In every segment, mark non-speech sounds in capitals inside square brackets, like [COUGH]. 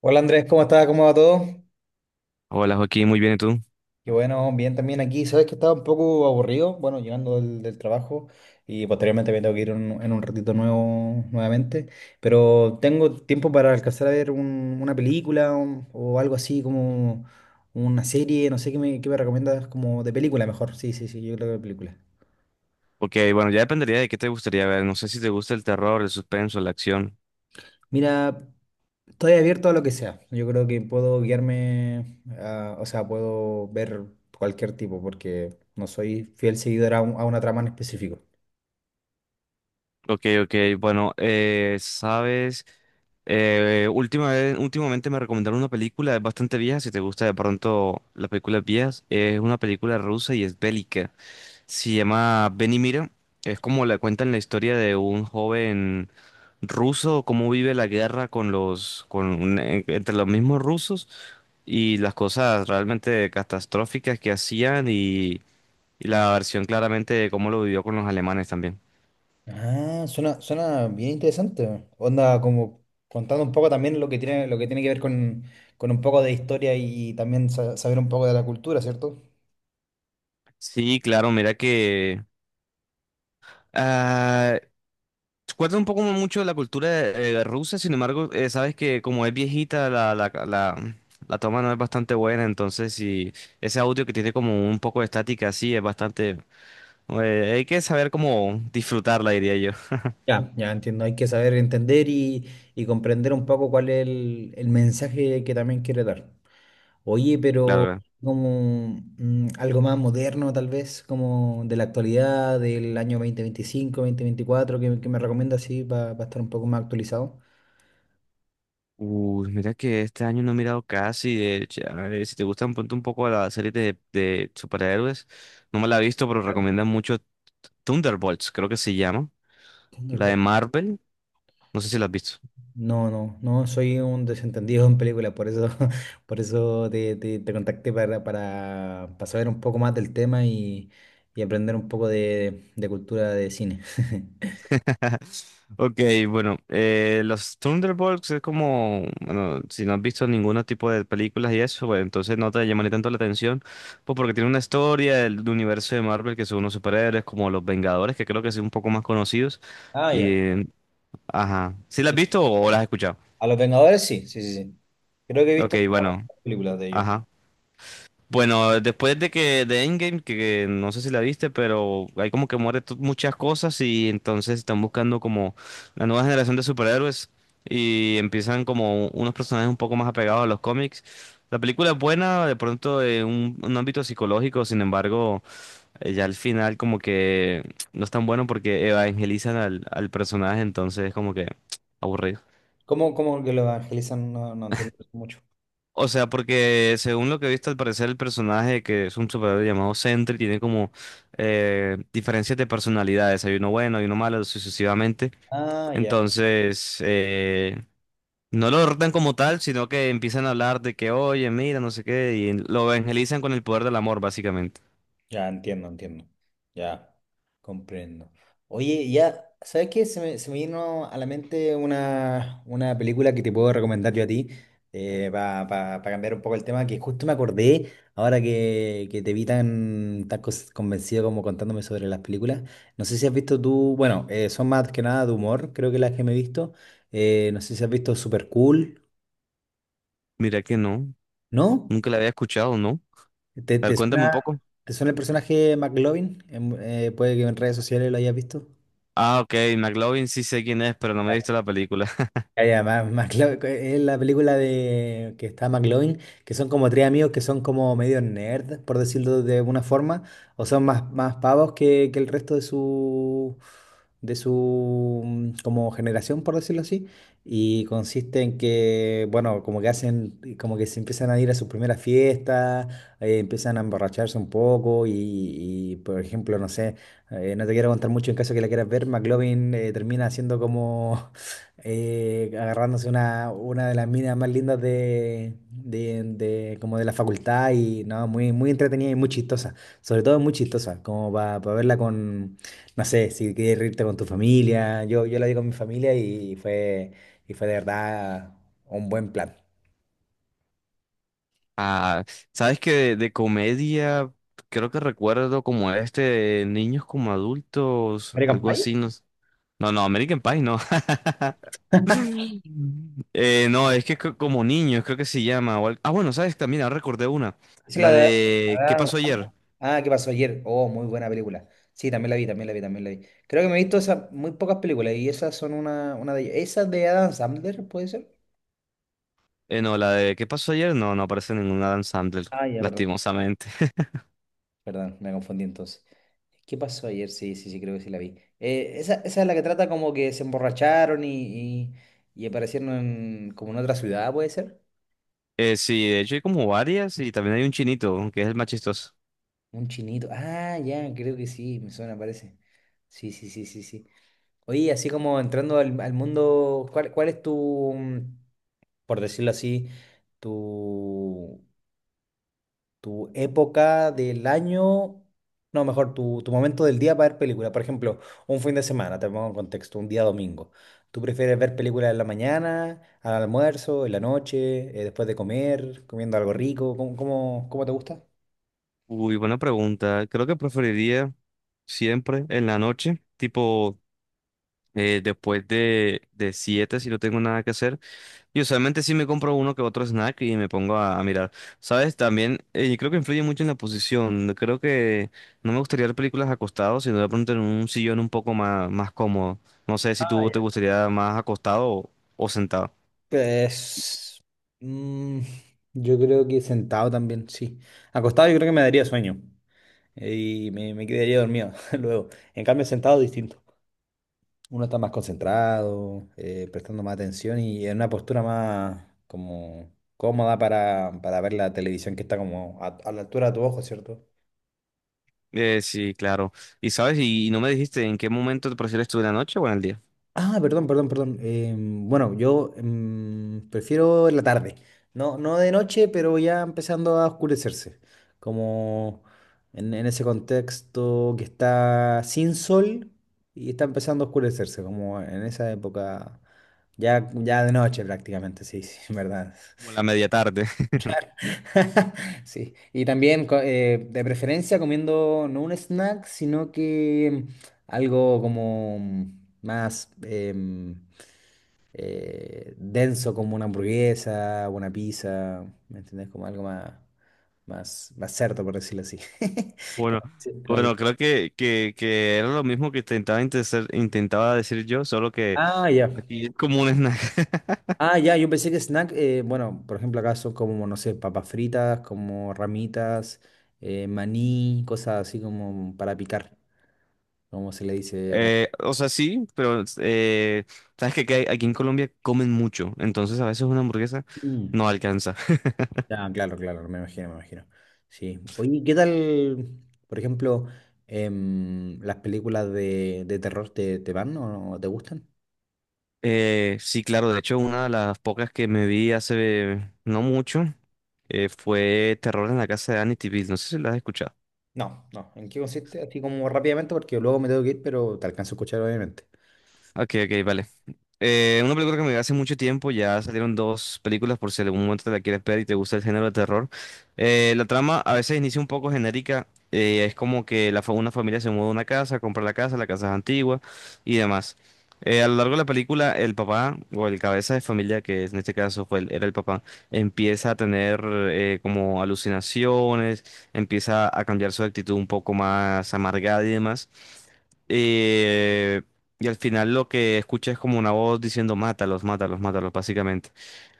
Hola Andrés, ¿cómo estás? ¿Cómo va todo? Hola Joaquín, muy bien, ¿y tú? Y bueno, bien también aquí. Sabes que estaba un poco aburrido, bueno, llegando del trabajo y posteriormente me tengo que ir en un ratito nuevo nuevamente, pero tengo tiempo para alcanzar a ver una película o algo así como una serie, no sé qué me recomiendas como de película mejor. Sí, sí, sí, yo creo que de película. Ok, bueno, ya dependería de qué te gustaría ver. No sé si te gusta el terror, el suspenso, la acción. Mira, estoy abierto a lo que sea. Yo creo que puedo guiarme, o sea, puedo ver cualquier tipo porque no soy fiel seguidor a una trama en específico. Ok, ok, bueno, sabes, últimamente me recomendaron una película, es bastante vieja, si te gusta de pronto las películas viejas, es una película rusa y es bélica. Se llama Ven y mira. Es como le cuentan la historia de un joven ruso, cómo vive la guerra con entre los mismos rusos, y las cosas realmente catastróficas que hacían, y la versión claramente de cómo lo vivió con los alemanes también. Ah, suena, suena bien interesante. Onda, como contando un poco también lo que tiene que ver con un poco de historia y también saber un poco de la cultura, ¿cierto? Sí, claro, mira que... ah, cuenta un poco mucho de la cultura rusa. Sin embargo, sabes que como es viejita, la toma no es bastante buena, entonces si ese audio que tiene como un poco de estática así es bastante. Hay que saber cómo disfrutarla, diría yo. [LAUGHS] Ya, ya entiendo. Hay que saber entender y comprender un poco cuál es el mensaje que también quiere dar. Oye, Claro, pero claro. como algo más moderno, tal vez, como de la actualidad, del año 2025, veinticuatro, que me recomienda así para estar un poco más actualizado. Uy, mira que este año no he mirado casi. De hecho, a ver, si te gustan, ponte un poco a la serie de superhéroes. No me la he visto, pero recomiendan mucho Thunderbolts, creo que se llama. La de Thunderbolt. Marvel. No sé si la has visto. No, no, no, soy un desentendido en películas, por eso, [LAUGHS] por eso te contacté para saber un poco más del tema y aprender un poco de cultura de cine. [LAUGHS] [LAUGHS] Ok, bueno, los Thunderbolts es como, bueno, si no has visto ningún tipo de películas y eso, bueno, entonces no te llamaría tanto la atención, pues porque tiene una historia del universo de Marvel que son unos superhéroes como los Vengadores, que creo que son un poco más conocidos. Ah, ya. Y ajá, ¿sí las has Sí. visto o las has escuchado? A los Vengadores sí, sí, sí, sí. Creo que he Ok, visto bueno. películas de ellos. Ajá. Bueno, después de que de Endgame, que no sé si la viste, pero hay como que muchas cosas y entonces están buscando como la nueva generación de superhéroes y empiezan como unos personajes un poco más apegados a los cómics. La película es buena, de pronto en un ámbito psicológico. Sin embargo, ya al final como que no es tan bueno porque evangelizan al personaje, entonces es como que [TSK] aburrido. ¿Cómo, cómo que lo evangelizan? No, no entiendo mucho. O sea, porque según lo que he visto, al parecer el personaje que es un superhéroe llamado Sentry tiene como diferencias de personalidades. Hay uno bueno, hay uno malo, sucesivamente. Ah, ya. Entonces, no lo derrotan como tal, sino que empiezan a hablar de que, oye, mira, no sé qué, y lo evangelizan con el poder del amor, básicamente. Ya entiendo, entiendo. Ya comprendo. Oye, ya, ¿sabes qué? Se me vino a la mente una película que te puedo recomendar yo a ti para cambiar un poco el tema, que justo me acordé ahora que te vi tan, convencido como contándome sobre las películas. No sé si has visto tú, bueno, son más que nada de humor, creo que las que me he visto. No sé si has visto Super Cool, Mira que no, ¿no? nunca la había escuchado, ¿no? ¿Te, A ver, te cuéntame un suena, poco. te suena el personaje McLovin? Puede que en redes sociales lo hayas visto. Ah, ok, McLovin sí sé quién es, pero no me he Ah, visto la película. ya, es la película de que está McLovin, que son como tres amigos que son como medio nerd, por decirlo de alguna forma, o son más, más pavos que el resto de su como generación, por decirlo así. Y consiste en que, bueno, como que hacen, como que se empiezan a ir a sus primeras fiestas, empiezan a emborracharse un poco, y, por ejemplo, no sé, no te quiero contar mucho en caso que la quieras ver, McLovin termina siendo como agarrándose una de las minas más lindas como de la facultad y no, muy, muy entretenida y muy chistosa, sobre todo muy chistosa, como para verla con, no sé, si quieres reírte con tu familia, yo la vi con mi familia y fue de verdad un buen plan. Ah, sabes que de comedia creo que recuerdo como este de niños como adultos, American algo Pie, así, no, no, American Pie no. [LAUGHS] No, es que como niños creo que se llama. Ah, bueno, sabes también, ahora recordé una. ¿es La la de de ¿qué Adam pasó Sandler? ayer? Ah, ¿qué pasó ayer? Oh, muy buena película. Sí, también la vi, también la vi, también la vi. Creo que me he visto esas muy pocas películas y esas son una de ellas. ¿Esas de Adam Sandler, puede ser? No, la de ¿qué pasó ayer? No, no aparece ninguna Adam Sandler, Ah, ya, perdón, lastimosamente. [LAUGHS] perdón, me confundí entonces. ¿Qué pasó ayer? Sí, sí, sí, creo que sí la vi. Esa, esa es la que trata como que se emborracharon y aparecieron como en otra ciudad, ¿puede ser? Sí, de hecho hay como varias y también hay un chinito, que es el más chistoso. Un chinito. Ah, ya, creo que sí, me suena, parece. Sí, sí, sí, sí, sí. Oye, así como entrando al, al mundo, ¿cuál, cuál es tu, por decirlo así, tu tu época del año, no, mejor, tu momento del día para ver películas? Por ejemplo, un fin de semana, te pongo en contexto, un día domingo. ¿Tú prefieres ver películas en la mañana, al almuerzo, en la noche, después de comer, comiendo algo rico? ¿Cómo, cómo, cómo te gusta? Uy, buena pregunta. Creo que preferiría siempre en la noche, tipo después de 7 si no tengo nada que hacer. Y usualmente sí me compro uno que otro snack y me pongo a mirar. ¿Sabes? También creo que influye mucho en la posición. Creo que no me gustaría ver películas acostado, sino de pronto en un sillón un poco más, más cómodo. No sé si Ah, tú ya. te gustaría más acostado o sentado. Pues, mm, yo creo que sentado también, sí. Acostado yo creo que me daría sueño y me quedaría dormido [LAUGHS] luego. En cambio, sentado distinto. Uno está más concentrado, prestando más atención y en una postura más como cómoda para ver la televisión que está como a la altura de tu ojo, ¿cierto? Sí, claro. ¿Y sabes? No me dijiste en qué momento te prefieres tú, en la noche o en el día. Ah, perdón, perdón, perdón. Bueno, yo prefiero en la tarde. No, no de noche, pero ya empezando a oscurecerse. Como en ese contexto que está sin sol y está empezando a oscurecerse, como en esa época, ya, ya de noche prácticamente, sí, sí, en verdad. Como la media tarde. [LAUGHS] [LAUGHS] Sí, y también de preferencia comiendo no un snack, sino que algo como más denso, como una hamburguesa, una pizza, ¿me entendés? Como algo más, más, más cerdo, por decirlo así. [LAUGHS] Bueno, Como- sí, como- bueno, creo que, que era lo mismo que intentaba decir yo, solo que ah, ya. aquí es como un snack. [LAUGHS] Ah, ya, yo pensé que snack, bueno, por ejemplo, acá son como, no sé, papas fritas, como ramitas, maní, cosas así como para picar, como se le dice. O sea, sí, pero sabes que aquí en Colombia comen mucho, entonces a veces una hamburguesa Mm. no alcanza. [LAUGHS] Ah, claro, claro, me imagino, me imagino. Sí. Oye, ¿qué tal, por ejemplo, las películas de terror te, te van o no te gustan? Sí, claro, de hecho, una de las pocas que me vi hace no mucho fue Terror en la casa de Amityville. No sé si la has escuchado. No, no. ¿En qué consiste? Así como rápidamente, porque luego me tengo que ir, pero te alcanzo a escuchar, obviamente. Ok, ok, vale. Una película que me vi hace mucho tiempo, ya salieron dos películas por si en algún momento te la quieres ver y te gusta el género de terror. La trama a veces inicia un poco genérica. Es como que una familia se muda a una casa, compra la casa es antigua y demás. A lo largo de la película, el papá o el cabeza de familia, que en este caso era el papá, empieza a tener como alucinaciones, empieza a cambiar su actitud un poco más amargada y demás. Eh, y al final lo que escucha es como una voz diciendo mátalos, mátalos, mátalos, básicamente.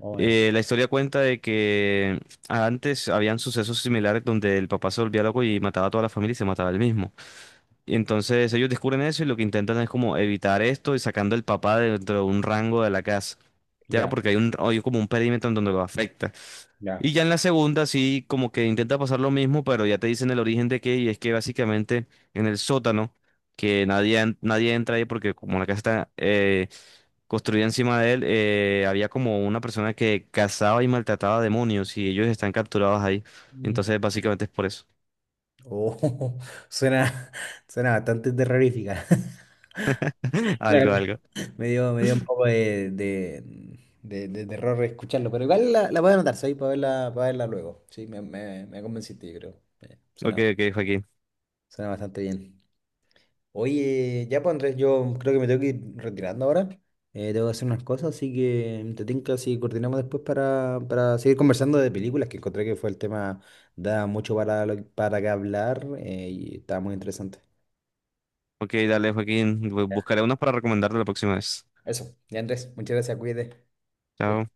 Oye, La historia cuenta de que antes habían sucesos similares donde el papá se volvía loco y mataba a toda la familia y se mataba él mismo. Y entonces ellos descubren eso y lo que intentan es como evitar esto y sacando al papá dentro de un rango de la casa. Ya, ya, porque hay un, hay como un perímetro en donde lo afecta. ya. Y ya en la segunda sí, como que intenta pasar lo mismo, pero ya te dicen el origen de qué, y es que básicamente en el sótano, que nadie entra ahí porque como la casa está construida encima de él, había como una persona que cazaba y maltrataba demonios y ellos están capturados ahí. Mm. Entonces básicamente es por eso. Oh, [LAUGHS] suena, suena bastante terrorífica. [LAUGHS] [LAUGHS] La Algo, algo. me dio, me dio un poco de, de terror escucharlo, pero igual la, la voy a anotar, ¿sabes? Para verla luego. Sí, me convenciste, yo creo. Ok, Suena, ok, Joaquín. suena bastante bien. Oye, ya pues Andrés, yo creo que me tengo que ir retirando ahora. Tengo que hacer unas cosas, así que te tinca si coordinamos después para seguir conversando de películas, que encontré que fue el tema, da mucho para, para que hablar y estaba muy interesante. Ok, dale, Joaquín. Ya, Buscaré unos para recomendarte la próxima vez. eso, ya Andrés, muchas gracias, cuídate. Chao, Chao.